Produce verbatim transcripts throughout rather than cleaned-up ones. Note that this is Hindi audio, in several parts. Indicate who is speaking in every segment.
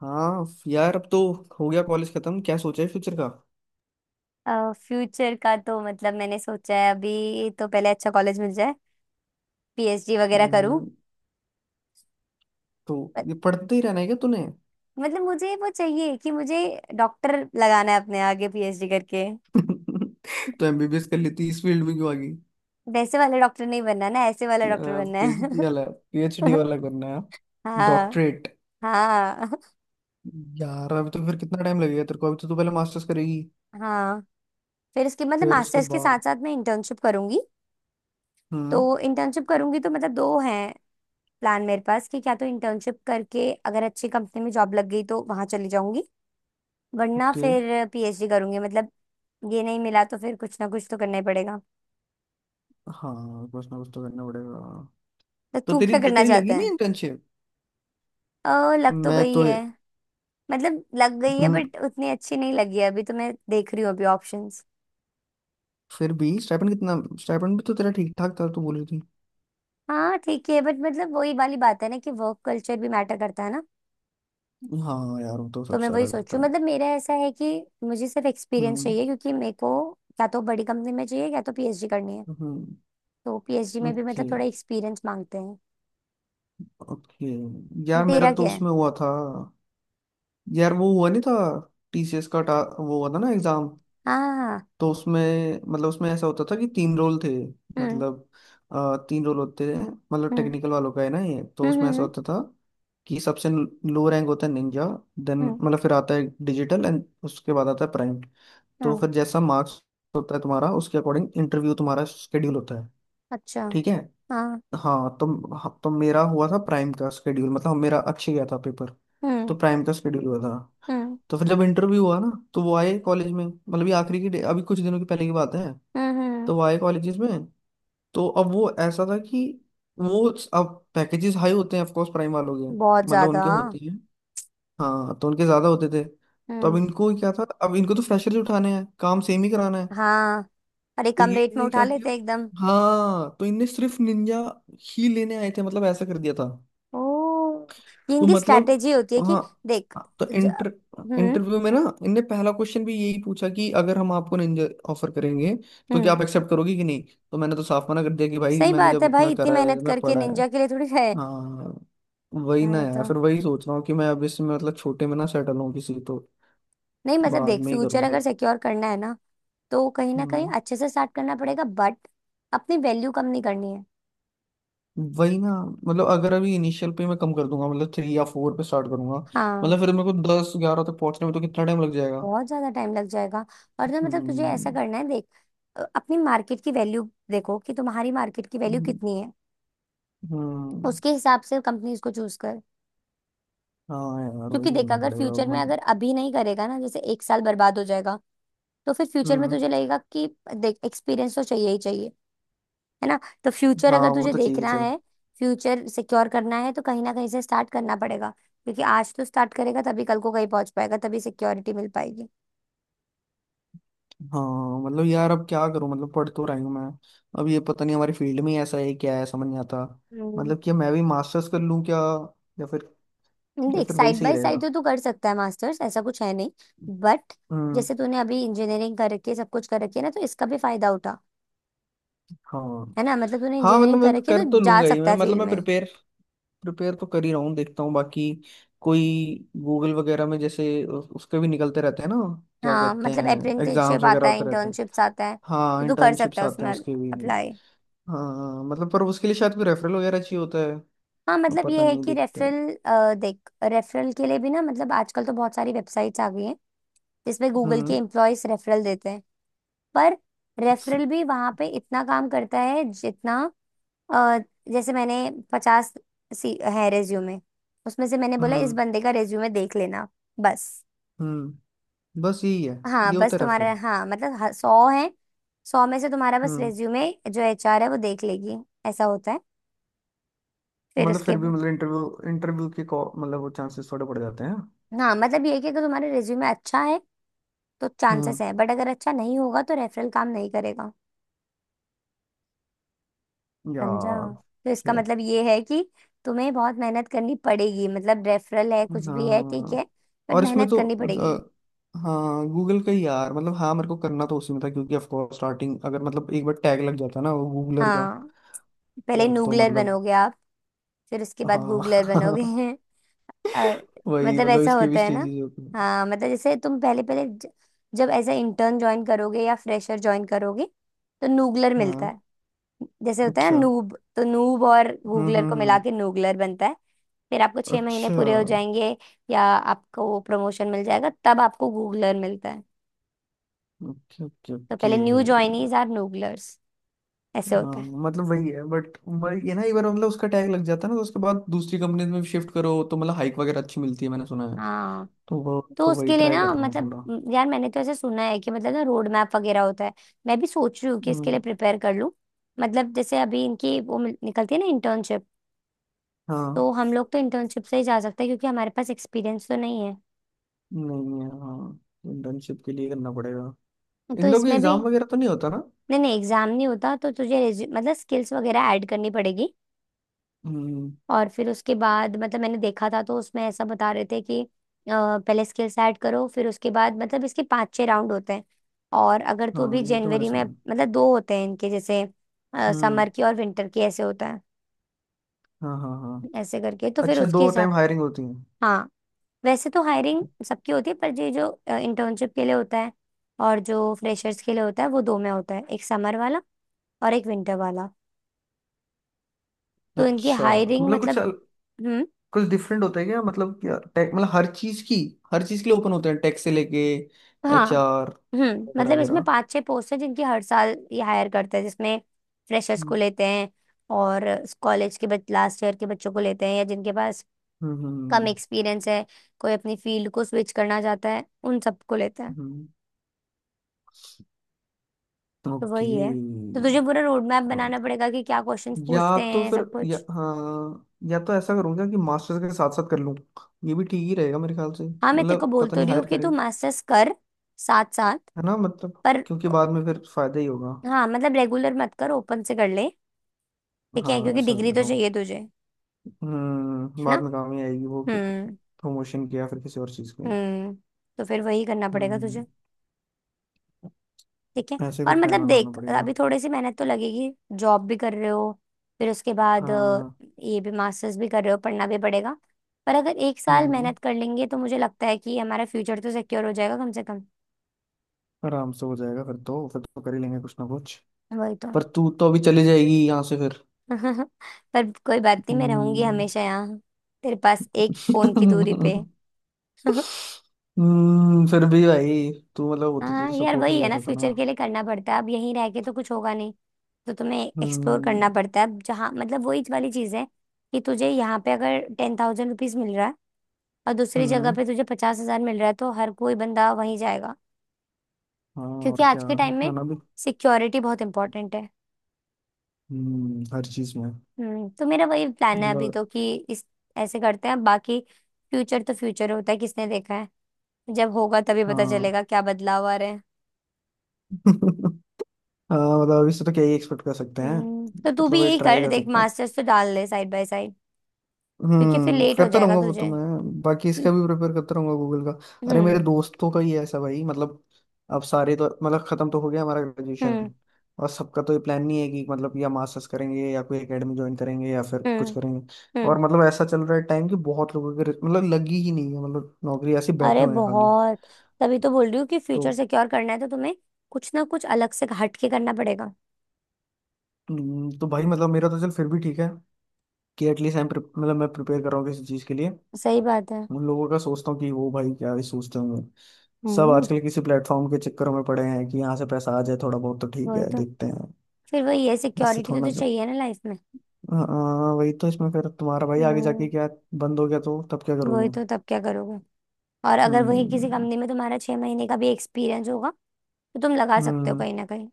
Speaker 1: हाँ यार अब तो हो गया कॉलेज खत्म। क्या सोचा है फ्यूचर का।
Speaker 2: फ्यूचर का तो मतलब मैंने सोचा है अभी तो पहले अच्छा कॉलेज मिल जाए, पीएचडी वगैरह करूं।
Speaker 1: हम्म। तो
Speaker 2: पर-
Speaker 1: ये पढ़ते ही रहना है क्या तूने।
Speaker 2: मतलब मुझे वो चाहिए कि मुझे डॉक्टर लगाना है अपने आगे पीएचडी करके।
Speaker 1: तो एमबीबीएस कर लेती इस फील्ड में क्यों आ गई।
Speaker 2: वैसे वाला डॉक्टर नहीं बनना ना, ऐसे वाला डॉक्टर बनना
Speaker 1: पीएचडी वाला
Speaker 2: है।
Speaker 1: पीएचडी वाला करना है।
Speaker 2: हाँ
Speaker 1: डॉक्टरेट।
Speaker 2: हाँ
Speaker 1: यार अभी तो फिर कितना टाइम लगेगा तेरे को अभी तो तू पहले मास्टर्स करेगी।
Speaker 2: हाँ। फिर इसके मतलब
Speaker 1: फिर उसके
Speaker 2: मास्टर्स के साथ
Speaker 1: बाद।
Speaker 2: साथ मैं इंटर्नशिप करूंगी।
Speaker 1: हम्म।
Speaker 2: तो इंटर्नशिप करूंगी तो मतलब दो हैं प्लान मेरे पास कि क्या तो इंटर्नशिप करके अगर अच्छी कंपनी में जॉब लग गई तो वहां चली जाऊंगी, वरना
Speaker 1: ओके।
Speaker 2: फिर पीएचडी करूंगी। मतलब ये नहीं मिला तो फिर कुछ ना कुछ तो करना ही पड़ेगा।
Speaker 1: हाँ कुछ ना कुछ तो करना पड़ेगा।
Speaker 2: तो
Speaker 1: तो
Speaker 2: तू
Speaker 1: तेरी
Speaker 2: क्या करना
Speaker 1: तेरी
Speaker 2: चाहता
Speaker 1: लगी नहीं
Speaker 2: है?
Speaker 1: इंटर्नशिप।
Speaker 2: ओ, लग तो
Speaker 1: मैं
Speaker 2: गई
Speaker 1: तो।
Speaker 2: है। मतलब लग गई है
Speaker 1: हम्म।
Speaker 2: बट उतनी अच्छी नहीं लगी है, अभी तो मैं देख रही हूँ अभी ऑप्शंस।
Speaker 1: फिर भी स्टाइपेंड कितना। स्टाइपेंड भी तो तेरा ठीक ठाक था तू बोल रही थी।
Speaker 2: हाँ ठीक है, बट मतलब वही वाली बात है ना कि वर्क कल्चर भी मैटर करता है ना।
Speaker 1: हाँ यार वो तो
Speaker 2: तो
Speaker 1: सबसे
Speaker 2: मैं वही
Speaker 1: ज्यादा करता
Speaker 2: सोचूं,
Speaker 1: है।
Speaker 2: मतलब मेरा ऐसा है कि मुझे सिर्फ एक्सपीरियंस
Speaker 1: हम्म।
Speaker 2: चाहिए, क्योंकि मेरे को क्या तो बड़ी कंपनी में चाहिए या तो पीएचडी करनी है।
Speaker 1: हम्म।
Speaker 2: तो पीएचडी में भी
Speaker 1: ओके।
Speaker 2: मतलब थोड़ा एक्सपीरियंस मांगते हैं।
Speaker 1: ओके। यार मेरा
Speaker 2: तेरा
Speaker 1: तो
Speaker 2: क्या है?
Speaker 1: उसमें हुआ था। यार वो हुआ नहीं था। टीसीएस का टा, वो हुआ था ना एग्जाम।
Speaker 2: हाँ हाँ
Speaker 1: तो उसमें मतलब उसमें ऐसा होता था कि तीन रोल थे।
Speaker 2: हाँ,
Speaker 1: मतलब अ, तीन रोल होते हैं। मतलब
Speaker 2: हम्म
Speaker 1: टेक्निकल वालों का है ना ये तो
Speaker 2: हम्म हम्म।
Speaker 1: उसमें ऐसा
Speaker 2: हम्म
Speaker 1: होता था कि सबसे लो रैंक होता है निंजा। देन
Speaker 2: हम्म,
Speaker 1: मतलब फिर आता है डिजिटल एंड उसके बाद आता है प्राइम। तो
Speaker 2: हाँ।
Speaker 1: फिर जैसा मार्क्स होता है तुम्हारा उसके अकॉर्डिंग इंटरव्यू तुम्हारा शेड्यूल होता है।
Speaker 2: अच्छा।
Speaker 1: ठीक है।
Speaker 2: हाँ।
Speaker 1: हाँ तो। हाँ, तो मेरा हुआ था प्राइम का शेड्यूल मतलब मेरा अच्छे गया था पेपर। तो
Speaker 2: हम्म
Speaker 1: प्राइम का शेड्यूल हुआ था।
Speaker 2: हम्म
Speaker 1: तो फिर जब इंटरव्यू हुआ ना तो वो आए कॉलेज में मतलब ये आखिरी की डे- अभी कुछ दिनों की पहले की बात है।
Speaker 2: हम्म हम्म।
Speaker 1: तो वो आए कॉलेजेस में। तो अब वो ऐसा था कि वो अब पैकेजेस हाई होते हैं ऑफकोर्स प्राइम वालों के
Speaker 2: बहुत
Speaker 1: मतलब
Speaker 2: ज्यादा,
Speaker 1: उनके
Speaker 2: हाँ।
Speaker 1: होते हैं। हाँ तो उनके ज्यादा होते थे। तो अब
Speaker 2: हम्म।
Speaker 1: इनको क्या था अब इनको तो फ्रेशर ही उठाने हैं काम सेम ही कराना है तो
Speaker 2: हाँ, अरे कम
Speaker 1: ये
Speaker 2: रेट में
Speaker 1: इनने
Speaker 2: उठा
Speaker 1: क्या किया।
Speaker 2: लेते हैं एकदम।
Speaker 1: हाँ तो इनने सिर्फ निंजा ही लेने आए थे मतलब ऐसा कर दिया था।
Speaker 2: ओ, ये
Speaker 1: तो
Speaker 2: इनकी
Speaker 1: मतलब।
Speaker 2: स्ट्रैटेजी होती है कि
Speaker 1: हाँ
Speaker 2: देख
Speaker 1: तो
Speaker 2: ज-
Speaker 1: इंटर
Speaker 2: हम्म
Speaker 1: इंटरव्यू में ना इनने पहला क्वेश्चन भी यही पूछा कि अगर हम आपको निंजा ऑफर करेंगे तो क्या
Speaker 2: हम्म।
Speaker 1: आप एक्सेप्ट करोगी कि नहीं। तो मैंने तो साफ मना कर दिया कि भाई
Speaker 2: सही
Speaker 1: मैंने
Speaker 2: बात
Speaker 1: जब
Speaker 2: है
Speaker 1: इतना
Speaker 2: भाई, इतनी
Speaker 1: करा है
Speaker 2: मेहनत
Speaker 1: मैं
Speaker 2: करके
Speaker 1: पढ़ा है।
Speaker 2: निंजा के लिए थोड़ी है।
Speaker 1: हाँ वही
Speaker 2: हाँ
Speaker 1: ना
Speaker 2: ये
Speaker 1: यार
Speaker 2: तो,
Speaker 1: फिर वही सोच रहा हूँ कि मैं अब इसमें मतलब छोटे में ना सेटल हूँ किसी तो
Speaker 2: नहीं मतलब
Speaker 1: बाद
Speaker 2: देख,
Speaker 1: में ही
Speaker 2: फ्यूचर
Speaker 1: करूँ
Speaker 2: अगर
Speaker 1: फिर।
Speaker 2: सिक्योर करना है ना तो कहीं ना कहीं
Speaker 1: हम्म।
Speaker 2: अच्छे से स्टार्ट करना पड़ेगा। बट अपनी वैल्यू कम नहीं करनी है।
Speaker 1: वही ना मतलब अगर अभी इनिशियल पे मैं कम कर दूंगा मतलब थ्री या फोर पे स्टार्ट करूंगा
Speaker 2: हाँ,
Speaker 1: मतलब फिर मेरे को दस ग्यारह तक पहुंचने में तो कितना टाइम लग जाएगा।
Speaker 2: बहुत ज्यादा टाइम लग जाएगा। और ना मतलब तुझे ऐसा
Speaker 1: हम्म
Speaker 2: करना है, देख, अ, अपनी मार्केट की वैल्यू देखो कि तुम्हारी मार्केट की वैल्यू
Speaker 1: हम्म
Speaker 2: कितनी है।
Speaker 1: हम्म,
Speaker 2: उसके हिसाब से कंपनीज को चूज कर।
Speaker 1: हाँ यार वही
Speaker 2: क्योंकि देख,
Speaker 1: करना
Speaker 2: अगर
Speaker 1: पड़ेगा
Speaker 2: फ्यूचर में
Speaker 1: मन।
Speaker 2: अगर अभी नहीं करेगा ना, जैसे एक साल बर्बाद हो जाएगा, तो फिर फ्यूचर में
Speaker 1: हम्म।
Speaker 2: तुझे लगेगा कि देख एक्सपीरियंस तो चाहिए ही चाहिए, है ना। तो फ्यूचर
Speaker 1: हाँ
Speaker 2: अगर
Speaker 1: वो
Speaker 2: तुझे
Speaker 1: तो चाहिए
Speaker 2: देखना
Speaker 1: चल।
Speaker 2: है, फ्यूचर सिक्योर करना है, तो कहीं ना कहीं से स्टार्ट करना पड़ेगा। क्योंकि आज तो स्टार्ट करेगा तभी कल को कहीं पहुंच पाएगा, तभी सिक्योरिटी मिल पाएगी।
Speaker 1: हाँ मतलब यार अब क्या करूं मतलब पढ़ तो रही हूँ मैं। अब ये पता नहीं हमारी फील्ड में ही ऐसा है क्या है समझ नहीं आता। मतलब कि मैं भी मास्टर्स कर लूँ क्या। या फिर। या
Speaker 2: देख,
Speaker 1: फिर वही
Speaker 2: साइड
Speaker 1: सही
Speaker 2: बाय साइड
Speaker 1: रहेगा।
Speaker 2: तो तू कर सकता है मास्टर्स, ऐसा कुछ है नहीं। बट
Speaker 1: हम्म।
Speaker 2: जैसे तूने अभी इंजीनियरिंग कर रखी है, सब कुछ कर रखी है ना, तो इसका भी फायदा उठा।
Speaker 1: हाँ।
Speaker 2: है ना, मतलब तूने
Speaker 1: हाँ मतलब
Speaker 2: इंजीनियरिंग
Speaker 1: मैं
Speaker 2: कर
Speaker 1: तो
Speaker 2: रखी
Speaker 1: कर
Speaker 2: है
Speaker 1: तो
Speaker 2: तो जा
Speaker 1: लूंगा ही
Speaker 2: सकता
Speaker 1: मैं
Speaker 2: है
Speaker 1: मतलब
Speaker 2: फील्ड
Speaker 1: मैं
Speaker 2: में।
Speaker 1: प्रिपेयर प्रिपेयर तो कर ही रहा हूँ देखता हूँ बाकी। कोई गूगल वगैरह में जैसे उ- उसके भी निकलते रहते हैं ना। क्या
Speaker 2: हाँ
Speaker 1: कहते
Speaker 2: मतलब
Speaker 1: हैं। एग्जाम्स
Speaker 2: अप्रेंटिसशिप
Speaker 1: वगैरह
Speaker 2: आता है,
Speaker 1: होते रहते हैं।
Speaker 2: इंटर्नशिप्स आता है,
Speaker 1: हाँ
Speaker 2: तो तू कर सकता
Speaker 1: इंटर्नशिप्स
Speaker 2: है
Speaker 1: आते हैं
Speaker 2: उसमें
Speaker 1: उसके भी।
Speaker 2: अप्लाई।
Speaker 1: हाँ मतलब पर उसके लिए शायद कोई रेफरल वगैरह चाहिए होता है।
Speaker 2: हाँ
Speaker 1: अब
Speaker 2: मतलब
Speaker 1: पता
Speaker 2: ये है
Speaker 1: नहीं
Speaker 2: कि
Speaker 1: देखते हैं।
Speaker 2: रेफरल, देख रेफरल के लिए भी ना, मतलब आजकल तो बहुत सारी वेबसाइट्स आ गई हैं जिसमें गूगल के
Speaker 1: हम्म।
Speaker 2: एम्प्लॉयज रेफरल देते हैं। पर
Speaker 1: स-
Speaker 2: रेफरल भी वहां पे इतना काम करता है जितना, अ, जैसे मैंने पचास सी है रेज्यूमे, उसमें से मैंने बोला इस
Speaker 1: हम्म।
Speaker 2: बंदे का रेज्यूमे देख लेना, बस।
Speaker 1: हम्म। बस यही है।
Speaker 2: हाँ
Speaker 1: ये
Speaker 2: बस
Speaker 1: होता है
Speaker 2: तुम्हारा,
Speaker 1: रेफरल।
Speaker 2: हाँ मतलब ह- सौ है, सौ में से तुम्हारा बस
Speaker 1: हम्म।
Speaker 2: रेज्यूमे जो एचआर है वो देख लेगी। ऐसा होता है।
Speaker 1: तो
Speaker 2: फिर
Speaker 1: मतलब
Speaker 2: उसके
Speaker 1: फिर भी
Speaker 2: बाद-
Speaker 1: मतलब इंटरव्यू इंटरव्यू के call- मतलब वो चांसेस थोड़े बढ़ जाते हैं।
Speaker 2: हाँ मतलब ये है कि अगर तुम्हारा रेज्यूमे अच्छा है तो चांसेस
Speaker 1: हम्म।
Speaker 2: है, बट अगर अच्छा नहीं होगा तो रेफरल काम नहीं करेगा। समझा?
Speaker 1: यार।
Speaker 2: तो इसका मतलब ये है कि तुम्हें बहुत मेहनत करनी पड़ेगी। मतलब रेफरल है, कुछ भी है, ठीक
Speaker 1: हाँ।
Speaker 2: है, बट
Speaker 1: और इसमें
Speaker 2: मेहनत
Speaker 1: तो
Speaker 2: करनी पड़ेगी।
Speaker 1: अ, हाँ गूगल का ही यार मतलब हाँ मेरे को करना तो उसी में था क्योंकि ऑफ कोर्स स्टार्टिंग अगर मतलब एक बार टैग लग जाता ना वो गूगलर का।
Speaker 2: हाँ, पहले
Speaker 1: फिर तो
Speaker 2: नूगलर
Speaker 1: मतलब।
Speaker 2: बनोगे आप, फिर उसके बाद
Speaker 1: हाँ
Speaker 2: गूगलर बनोगे। और
Speaker 1: वही
Speaker 2: मतलब
Speaker 1: मतलब
Speaker 2: ऐसा
Speaker 1: इसके भी
Speaker 2: होता है ना।
Speaker 1: स्टेजेस होते हैं।
Speaker 2: हाँ मतलब जैसे तुम पहले पहले ज- जब ऐसा इंटर्न ज्वाइन करोगे या फ्रेशर ज्वाइन करोगे, तो नूगलर मिलता
Speaker 1: हाँ।
Speaker 2: है। जैसे होता है
Speaker 1: अच्छा।
Speaker 2: ना, नूब, तो नूब और
Speaker 1: हम्म
Speaker 2: गूगलर
Speaker 1: हम्म
Speaker 2: को मिला
Speaker 1: हम्म।
Speaker 2: के नूगलर बनता है। फिर आपको छह महीने
Speaker 1: अच्छा।
Speaker 2: पूरे हो जाएंगे या आपको प्रमोशन मिल जाएगा, तब आपको गूगलर मिलता है।
Speaker 1: ओके ओके
Speaker 2: तो
Speaker 1: ओके।
Speaker 2: पहले न्यू ज्वाइनीज आर नूगलर्स। ऐसे
Speaker 1: हाँ
Speaker 2: होता है।
Speaker 1: मतलब वही है बट ये ना एक बार मतलब उसका टैग लग जाता है ना तो उसके बाद दूसरी कंपनी में शिफ्ट करो तो मतलब हाइक वगैरह अच्छी मिलती है मैंने सुना है।
Speaker 2: हाँ
Speaker 1: तो वो
Speaker 2: तो
Speaker 1: तो वही
Speaker 2: उसके लिए
Speaker 1: ट्राई
Speaker 2: ना
Speaker 1: कर रहा हूँ
Speaker 2: मतलब
Speaker 1: थोड़ा।
Speaker 2: म, यार मैंने तो ऐसे सुना है कि मतलब ना रोड मैप वगैरह होता है। मैं भी सोच रही हूँ कि इसके
Speaker 1: हम्म।
Speaker 2: लिए प्रिपेयर कर लूँ। मतलब जैसे अभी इनकी वो मिल- निकलती है ना इंटर्नशिप,
Speaker 1: हाँ
Speaker 2: तो हम लोग तो इंटर्नशिप से ही जा सकते हैं क्योंकि हमारे पास एक्सपीरियंस तो नहीं है।
Speaker 1: नहीं है हाँ। इंटर्नशिप के लिए करना पड़ेगा।
Speaker 2: तो
Speaker 1: इन लोग भी
Speaker 2: इसमें भी
Speaker 1: एग्जाम वगैरह तो नहीं होता ना।
Speaker 2: नहीं नहीं, एग्जाम नहीं होता, तो तुझे रेज्यू- मतलब स्किल्स वगैरह ऐड करनी पड़ेगी।
Speaker 1: हम्म।
Speaker 2: और फिर उसके बाद मतलब मैंने देखा था तो उसमें ऐसा बता रहे थे कि अ, पहले स्किल्स ऐड करो, फिर उसके बाद मतलब इसके पांच छह राउंड होते हैं। और अगर तो
Speaker 1: हाँ
Speaker 2: अभी
Speaker 1: ये तो मैंने
Speaker 2: जनवरी में
Speaker 1: सुना है।
Speaker 2: मतलब दो होते हैं इनके, जैसे
Speaker 1: हम्म।
Speaker 2: समर की और विंटर की, ऐसे होता है।
Speaker 1: हाँ हाँ हाँ।
Speaker 2: ऐसे करके, तो फिर
Speaker 1: अच्छा
Speaker 2: उसके
Speaker 1: दो टाइम
Speaker 2: हिसाब।
Speaker 1: हायरिंग होती है।
Speaker 2: हाँ, वैसे तो हायरिंग सबकी होती है, पर ये जो इंटर्नशिप के लिए होता है और जो फ्रेशर्स के लिए होता है वो दो में होता है, एक समर वाला और एक विंटर वाला। तो इनकी
Speaker 1: अच्छा। तो
Speaker 2: हायरिंग
Speaker 1: मतलब कुछ
Speaker 2: मतलब।
Speaker 1: अल-
Speaker 2: हम्म।
Speaker 1: कुछ डिफरेंट होता है क्या मतलब क्या टेक मतलब हर चीज की हर चीज के लिए ओपन होते हैं टेक से लेके
Speaker 2: हाँ,
Speaker 1: एचआर
Speaker 2: हम्म।
Speaker 1: वगैरह
Speaker 2: मतलब इसमें
Speaker 1: वगैरह।
Speaker 2: पांच छह पोस्ट है जिनकी हर साल ये हायर करते हैं, जिसमें फ्रेशर्स को
Speaker 1: हम्म
Speaker 2: लेते हैं। और कॉलेज के बच लास्ट ईयर के बच्चों को लेते हैं या जिनके पास कम
Speaker 1: हम्म
Speaker 2: एक्सपीरियंस है, कोई अपनी फील्ड को स्विच करना चाहता है, उन सबको लेते हैं।
Speaker 1: हम्म।
Speaker 2: तो वही है। तो तुझे पूरा रोड मैप बनाना
Speaker 1: ओके।
Speaker 2: पड़ेगा कि क्या क्वेश्चंस
Speaker 1: या
Speaker 2: पूछते
Speaker 1: तो
Speaker 2: हैं,
Speaker 1: फिर
Speaker 2: सब
Speaker 1: या
Speaker 2: कुछ।
Speaker 1: हाँ या तो ऐसा करूँगा कि मास्टर्स के साथ साथ कर लूँ। ये भी ठीक ही रहेगा मेरे ख्याल से
Speaker 2: हाँ मैं तेरे को
Speaker 1: मतलब
Speaker 2: बोल
Speaker 1: पता
Speaker 2: तो
Speaker 1: नहीं
Speaker 2: रही हूँ
Speaker 1: हायर
Speaker 2: कि
Speaker 1: करें।
Speaker 2: तू मास्टर्स कर, साथ साथ।
Speaker 1: है ना मतलब
Speaker 2: पर
Speaker 1: क्योंकि बाद में फिर फायदा ही होगा।
Speaker 2: हाँ मतलब रेगुलर मत कर, ओपन से कर ले, ठीक है,
Speaker 1: हाँ
Speaker 2: क्योंकि
Speaker 1: ऐसा
Speaker 2: डिग्री
Speaker 1: कर
Speaker 2: तो
Speaker 1: लूँ।
Speaker 2: चाहिए तुझे, है
Speaker 1: हम्म बाद
Speaker 2: ना।
Speaker 1: में काम ही आएगी वो
Speaker 2: हम्म
Speaker 1: प्रमोशन के या फिर किसी और चीज़ के।
Speaker 2: हम्म। तो फिर वही करना पड़ेगा
Speaker 1: हम्म।
Speaker 2: तुझे। ठीक है।
Speaker 1: ऐसे
Speaker 2: और
Speaker 1: कुछ प्लान
Speaker 2: मतलब
Speaker 1: बनाना
Speaker 2: देख,
Speaker 1: पड़ेगा।
Speaker 2: अभी थोड़ी सी मेहनत तो लगेगी, जॉब भी कर रहे हो, फिर उसके बाद अ,
Speaker 1: हाँ।
Speaker 2: ये भी, मास्टर्स भी कर रहे हो, पढ़ना भी पड़ेगा। पर अगर एक साल
Speaker 1: हम्म
Speaker 2: मेहनत कर लेंगे तो मुझे लगता है कि हमारा फ्यूचर तो सिक्योर हो जाएगा कम से कम।
Speaker 1: आराम से हो जाएगा फिर तो फिर तो कर ही लेंगे कुछ ना कुछ।
Speaker 2: वही तो।
Speaker 1: पर तू तो अभी चली जाएगी यहाँ से फिर।
Speaker 2: पर कोई बात नहीं, मैं रहूंगी
Speaker 1: हम्म
Speaker 2: हमेशा यहाँ, तेरे पास, एक फोन की दूरी पे।
Speaker 1: हम्म फिर भी भाई तू मतलब होती थी
Speaker 2: हाँ
Speaker 1: तो
Speaker 2: यार,
Speaker 1: सपोर्ट
Speaker 2: वही
Speaker 1: मिल
Speaker 2: है ना,
Speaker 1: जाता था ना।
Speaker 2: फ्यूचर के लिए करना पड़ता है। अब यहीं रह के तो कुछ होगा नहीं, तो तुम्हें एक्सप्लोर
Speaker 1: हम्म।
Speaker 2: करना पड़ता है। अब जहाँ मतलब वही वाली चीज़ है कि तुझे यहाँ पे अगर टेन थाउजेंड रुपीज मिल रहा है और दूसरी जगह
Speaker 1: हम्म।
Speaker 2: पे तुझे पचास हजार मिल रहा है, तो हर कोई बंदा वहीं जाएगा।
Speaker 1: हाँ और
Speaker 2: क्योंकि
Speaker 1: क्या।
Speaker 2: आज के टाइम में
Speaker 1: गाना भी।
Speaker 2: सिक्योरिटी बहुत इंपॉर्टेंट है।
Speaker 1: हम्म हर चीज में।
Speaker 2: हम्म, तो मेरा वही प्लान है अभी
Speaker 1: मतलब।
Speaker 2: तो कि इस, ऐसे करते हैं बाकी, फ्यूचर तो फ्यूचर होता है, किसने देखा है। जब होगा तभी पता
Speaker 1: हाँ
Speaker 2: चलेगा क्या बदलाव आ रहे हैं।
Speaker 1: हाँ मतलब अभी से तो क्या ही एक्सपेक्ट कर सकते हैं।
Speaker 2: हम्म, तो तू
Speaker 1: मतलब
Speaker 2: भी
Speaker 1: वही
Speaker 2: यही
Speaker 1: ट्राई
Speaker 2: कर,
Speaker 1: कर
Speaker 2: देख
Speaker 1: सकते हैं।
Speaker 2: मास्टर्स तो डाल दे साइड बाय साइड, क्योंकि फिर
Speaker 1: हम्म
Speaker 2: लेट हो
Speaker 1: करता
Speaker 2: जाएगा
Speaker 1: रहूंगा वो तो
Speaker 2: तुझे।
Speaker 1: मैं बाकी
Speaker 2: हम्म
Speaker 1: इसका भी प्रिपेयर करता रहूंगा गूगल का। अरे मेरे दोस्तों का ही है ऐसा भाई मतलब। अब सारे तो मतलब खत्म तो हो गया हमारा ग्रेजुएशन।
Speaker 2: हम्म
Speaker 1: और सबका तो ये प्लान नहीं है कि मतलब या मास्टर्स करेंगे या कोई एकेडमी ज्वाइन करेंगे या फिर कुछ
Speaker 2: हम्म
Speaker 1: करेंगे।
Speaker 2: हम्म।
Speaker 1: और मतलब ऐसा चल रहा है टाइम कि बहुत लोगों के मतलब लगी ही नहीं है मतलब नौकरी ऐसे बैठे
Speaker 2: अरे
Speaker 1: हुए हैं खाली।
Speaker 2: बहुत, तभी तो बोल रही हूँ कि
Speaker 1: तो
Speaker 2: फ्यूचर सिक्योर करना है तो तुम्हें कुछ ना कुछ अलग से हट के करना पड़ेगा।
Speaker 1: हम्म, तो भाई मतलब मेरा तो चल फिर भी ठीक है कि एटलीस्ट मतलब मैं प्रिपेयर कर रहा हूँ किसी चीज के लिए।
Speaker 2: सही बात है।
Speaker 1: उन लोगों का सोचता हूँ कि वो भाई क्या ही सोचते होंगे। सब
Speaker 2: हम्म।
Speaker 1: आजकल किसी प्लेटफॉर्म के चक्कर में पड़े हैं कि यहाँ से पैसा आ जाए थोड़ा बहुत तो ठीक
Speaker 2: वही
Speaker 1: है
Speaker 2: तो,
Speaker 1: देखते हैं।
Speaker 2: फिर वही है,
Speaker 1: इससे
Speaker 2: सिक्योरिटी
Speaker 1: थोड़ा
Speaker 2: तो,
Speaker 1: ना
Speaker 2: तो
Speaker 1: चल।
Speaker 2: चाहिए ना लाइफ में।
Speaker 1: हाँ हाँ, वही तो इसमें फिर तुम्हारा भाई आगे जाके
Speaker 2: हम्म।
Speaker 1: क्या बंद हो गया तो तब क्या
Speaker 2: वही
Speaker 1: करोगे।
Speaker 2: तो, तब क्या करोगे। और अगर वही किसी
Speaker 1: हम्म।
Speaker 2: कंपनी में तुम्हारा छह महीने का भी एक्सपीरियंस होगा, तो तुम लगा सकते हो
Speaker 1: हम्म
Speaker 2: कहीं ना कहीं।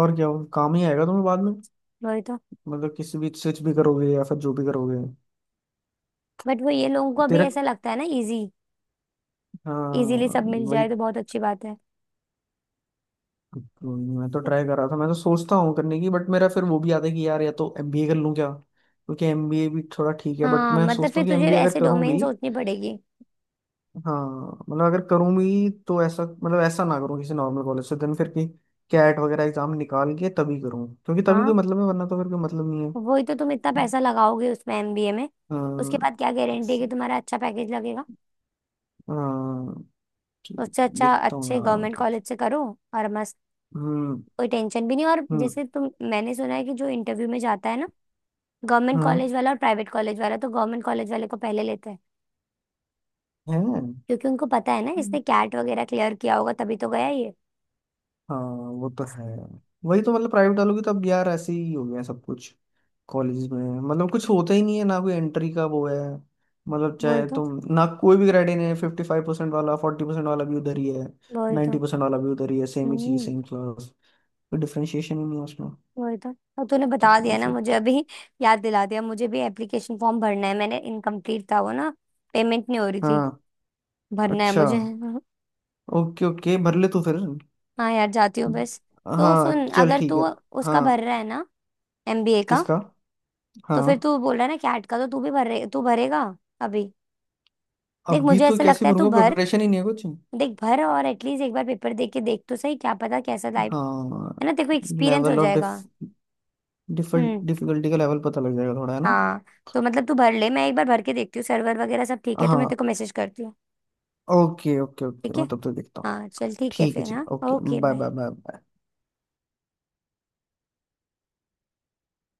Speaker 1: और क्या हो काम ही आएगा तुम्हें बाद में।
Speaker 2: वही तो।
Speaker 1: मतलब किसी भी स्विच भी करोगे या फिर जो भी करोगे।
Speaker 2: बट वो, ये लोगों को अभी
Speaker 1: तेरा।
Speaker 2: ऐसा लगता है ना, इजी, इजीली
Speaker 1: हाँ
Speaker 2: सब मिल
Speaker 1: वही।
Speaker 2: जाए तो बहुत अच्छी बात है।
Speaker 1: तो मैं तो ट्राई कर रहा था मैं तो सोचता हूँ करने की बट मेरा फिर वो भी आता है कि यार या तो एमबीए कर लूँ क्या क्योंकि एमबीए भी थोड़ा ठीक है बट
Speaker 2: हाँ
Speaker 1: मैं
Speaker 2: मतलब
Speaker 1: सोचता
Speaker 2: फिर
Speaker 1: हूँ कि
Speaker 2: तुझे
Speaker 1: एमबीए अगर
Speaker 2: ऐसे
Speaker 1: करूँ
Speaker 2: डोमेन
Speaker 1: भी।
Speaker 2: सोचनी पड़ेगी।
Speaker 1: हाँ मतलब अगर करूँ भी तो ऐसा मतलब ऐसा ना करूँ किसी नॉर्मल कॉलेज से देन फिर की कैट वगैरह एग्जाम निकाल के तभी करूँ क्योंकि तभी कोई
Speaker 2: हाँ
Speaker 1: मतलब है वरना तो फिर कोई मतलब नहीं है।
Speaker 2: वही तो, तुम इतना पैसा लगाओगे उसमें, एमबीए में, उसके
Speaker 1: हाँ
Speaker 2: बाद क्या गारंटी है कि तुम्हारा अच्छा पैकेज लगेगा।
Speaker 1: हाँ,
Speaker 2: उससे अच्छा
Speaker 1: देखता हूँ
Speaker 2: अच्छे
Speaker 1: यार
Speaker 2: गवर्नमेंट
Speaker 1: मतलब।
Speaker 2: कॉलेज से करो, और मस्त,
Speaker 1: हम्म
Speaker 2: कोई टेंशन भी नहीं। और
Speaker 1: हम्म
Speaker 2: जैसे तुम, मैंने सुना है कि जो इंटरव्यू में जाता है ना, गवर्नमेंट कॉलेज वाला और प्राइवेट कॉलेज वाला, तो गवर्नमेंट कॉलेज वाले को पहले लेते हैं।
Speaker 1: हम्म।
Speaker 2: क्योंकि उनको पता है ना, इसने
Speaker 1: है।
Speaker 2: कैट वगैरह क्लियर किया होगा तभी तो गया ये।
Speaker 1: हाँ वो तो है।
Speaker 2: इसलिए।
Speaker 1: वही तो मतलब प्राइवेट वालों की तो अब यार ऐसे ही हो गया सब कुछ। कॉलेज में मतलब कुछ होता ही नहीं है ना कोई एंट्री का वो है। मतलब
Speaker 2: वही
Speaker 1: चाहे
Speaker 2: तो।
Speaker 1: तुम ना कोई भी ग्रेड नहीं है फिफ्टी फाइव परसेंट वाला फोर्टी परसेंट वाला भी उधर ही है
Speaker 2: वही तो।
Speaker 1: 90% परसेंट वाला भी उधर ही है सेम ही चीज
Speaker 2: हम्म।
Speaker 1: Same class. कोई डिफरेंशिएशन ही नहीं है उसमें।
Speaker 2: वही तो। और तूने बता
Speaker 1: तो
Speaker 2: दिया ना
Speaker 1: फिर
Speaker 2: मुझे
Speaker 1: तो।
Speaker 2: अभी, याद दिला दिया, मुझे भी एप्लीकेशन फॉर्म भरना है, मैंने इनकम्प्लीट था वो ना, पेमेंट नहीं हो रही थी।
Speaker 1: हाँ।
Speaker 2: भरना है
Speaker 1: अच्छा
Speaker 2: मुझे।
Speaker 1: ओके ओके भर ले तू फिर।
Speaker 2: हाँ यार, जाती हूँ बस। तो
Speaker 1: हाँ
Speaker 2: सुन,
Speaker 1: चल
Speaker 2: अगर
Speaker 1: ठीक है।
Speaker 2: तू उसका भर
Speaker 1: हाँ।
Speaker 2: रहा है ना, एमबीए का,
Speaker 1: किसका।
Speaker 2: तो
Speaker 1: हाँ।
Speaker 2: फिर तू बोल रहा है ना कैट का, तो तू भी भरे, तू भरेगा अभी? देख
Speaker 1: अभी
Speaker 2: मुझे
Speaker 1: तो
Speaker 2: ऐसा
Speaker 1: कैसे
Speaker 2: लगता है तू
Speaker 1: भरूंगा
Speaker 2: भर।
Speaker 1: प्रिपरेशन ही नहीं है कुछ।
Speaker 2: देख भर, और एटलीस्ट एक बार पेपर दे के देख तो सही क्या पता कैसा, टाइप,
Speaker 1: हाँ।
Speaker 2: है ना, तेरे को एक्सपीरियंस हो
Speaker 1: लेवल ऑफ
Speaker 2: जाएगा।
Speaker 1: डिफ डिफिकल्ट
Speaker 2: हम्म।
Speaker 1: डिफिकल्टी का लेवल पता लग जाएगा थोड़ा है ना।
Speaker 2: हाँ। तो मतलब तू भर ले, मैं एक बार भर के देखती हूँ, सर्वर वगैरह सब ठीक है तो मैं तेरे
Speaker 1: हाँ
Speaker 2: को मैसेज करती हूँ।
Speaker 1: ओके ओके ओके
Speaker 2: ठीक
Speaker 1: मैं
Speaker 2: है।
Speaker 1: तब तक देखता हूँ।
Speaker 2: हाँ चल ठीक है
Speaker 1: ठीक है
Speaker 2: फिर, हाँ।
Speaker 1: चलो okay
Speaker 2: okay
Speaker 1: bye
Speaker 2: bye.
Speaker 1: Bye bye.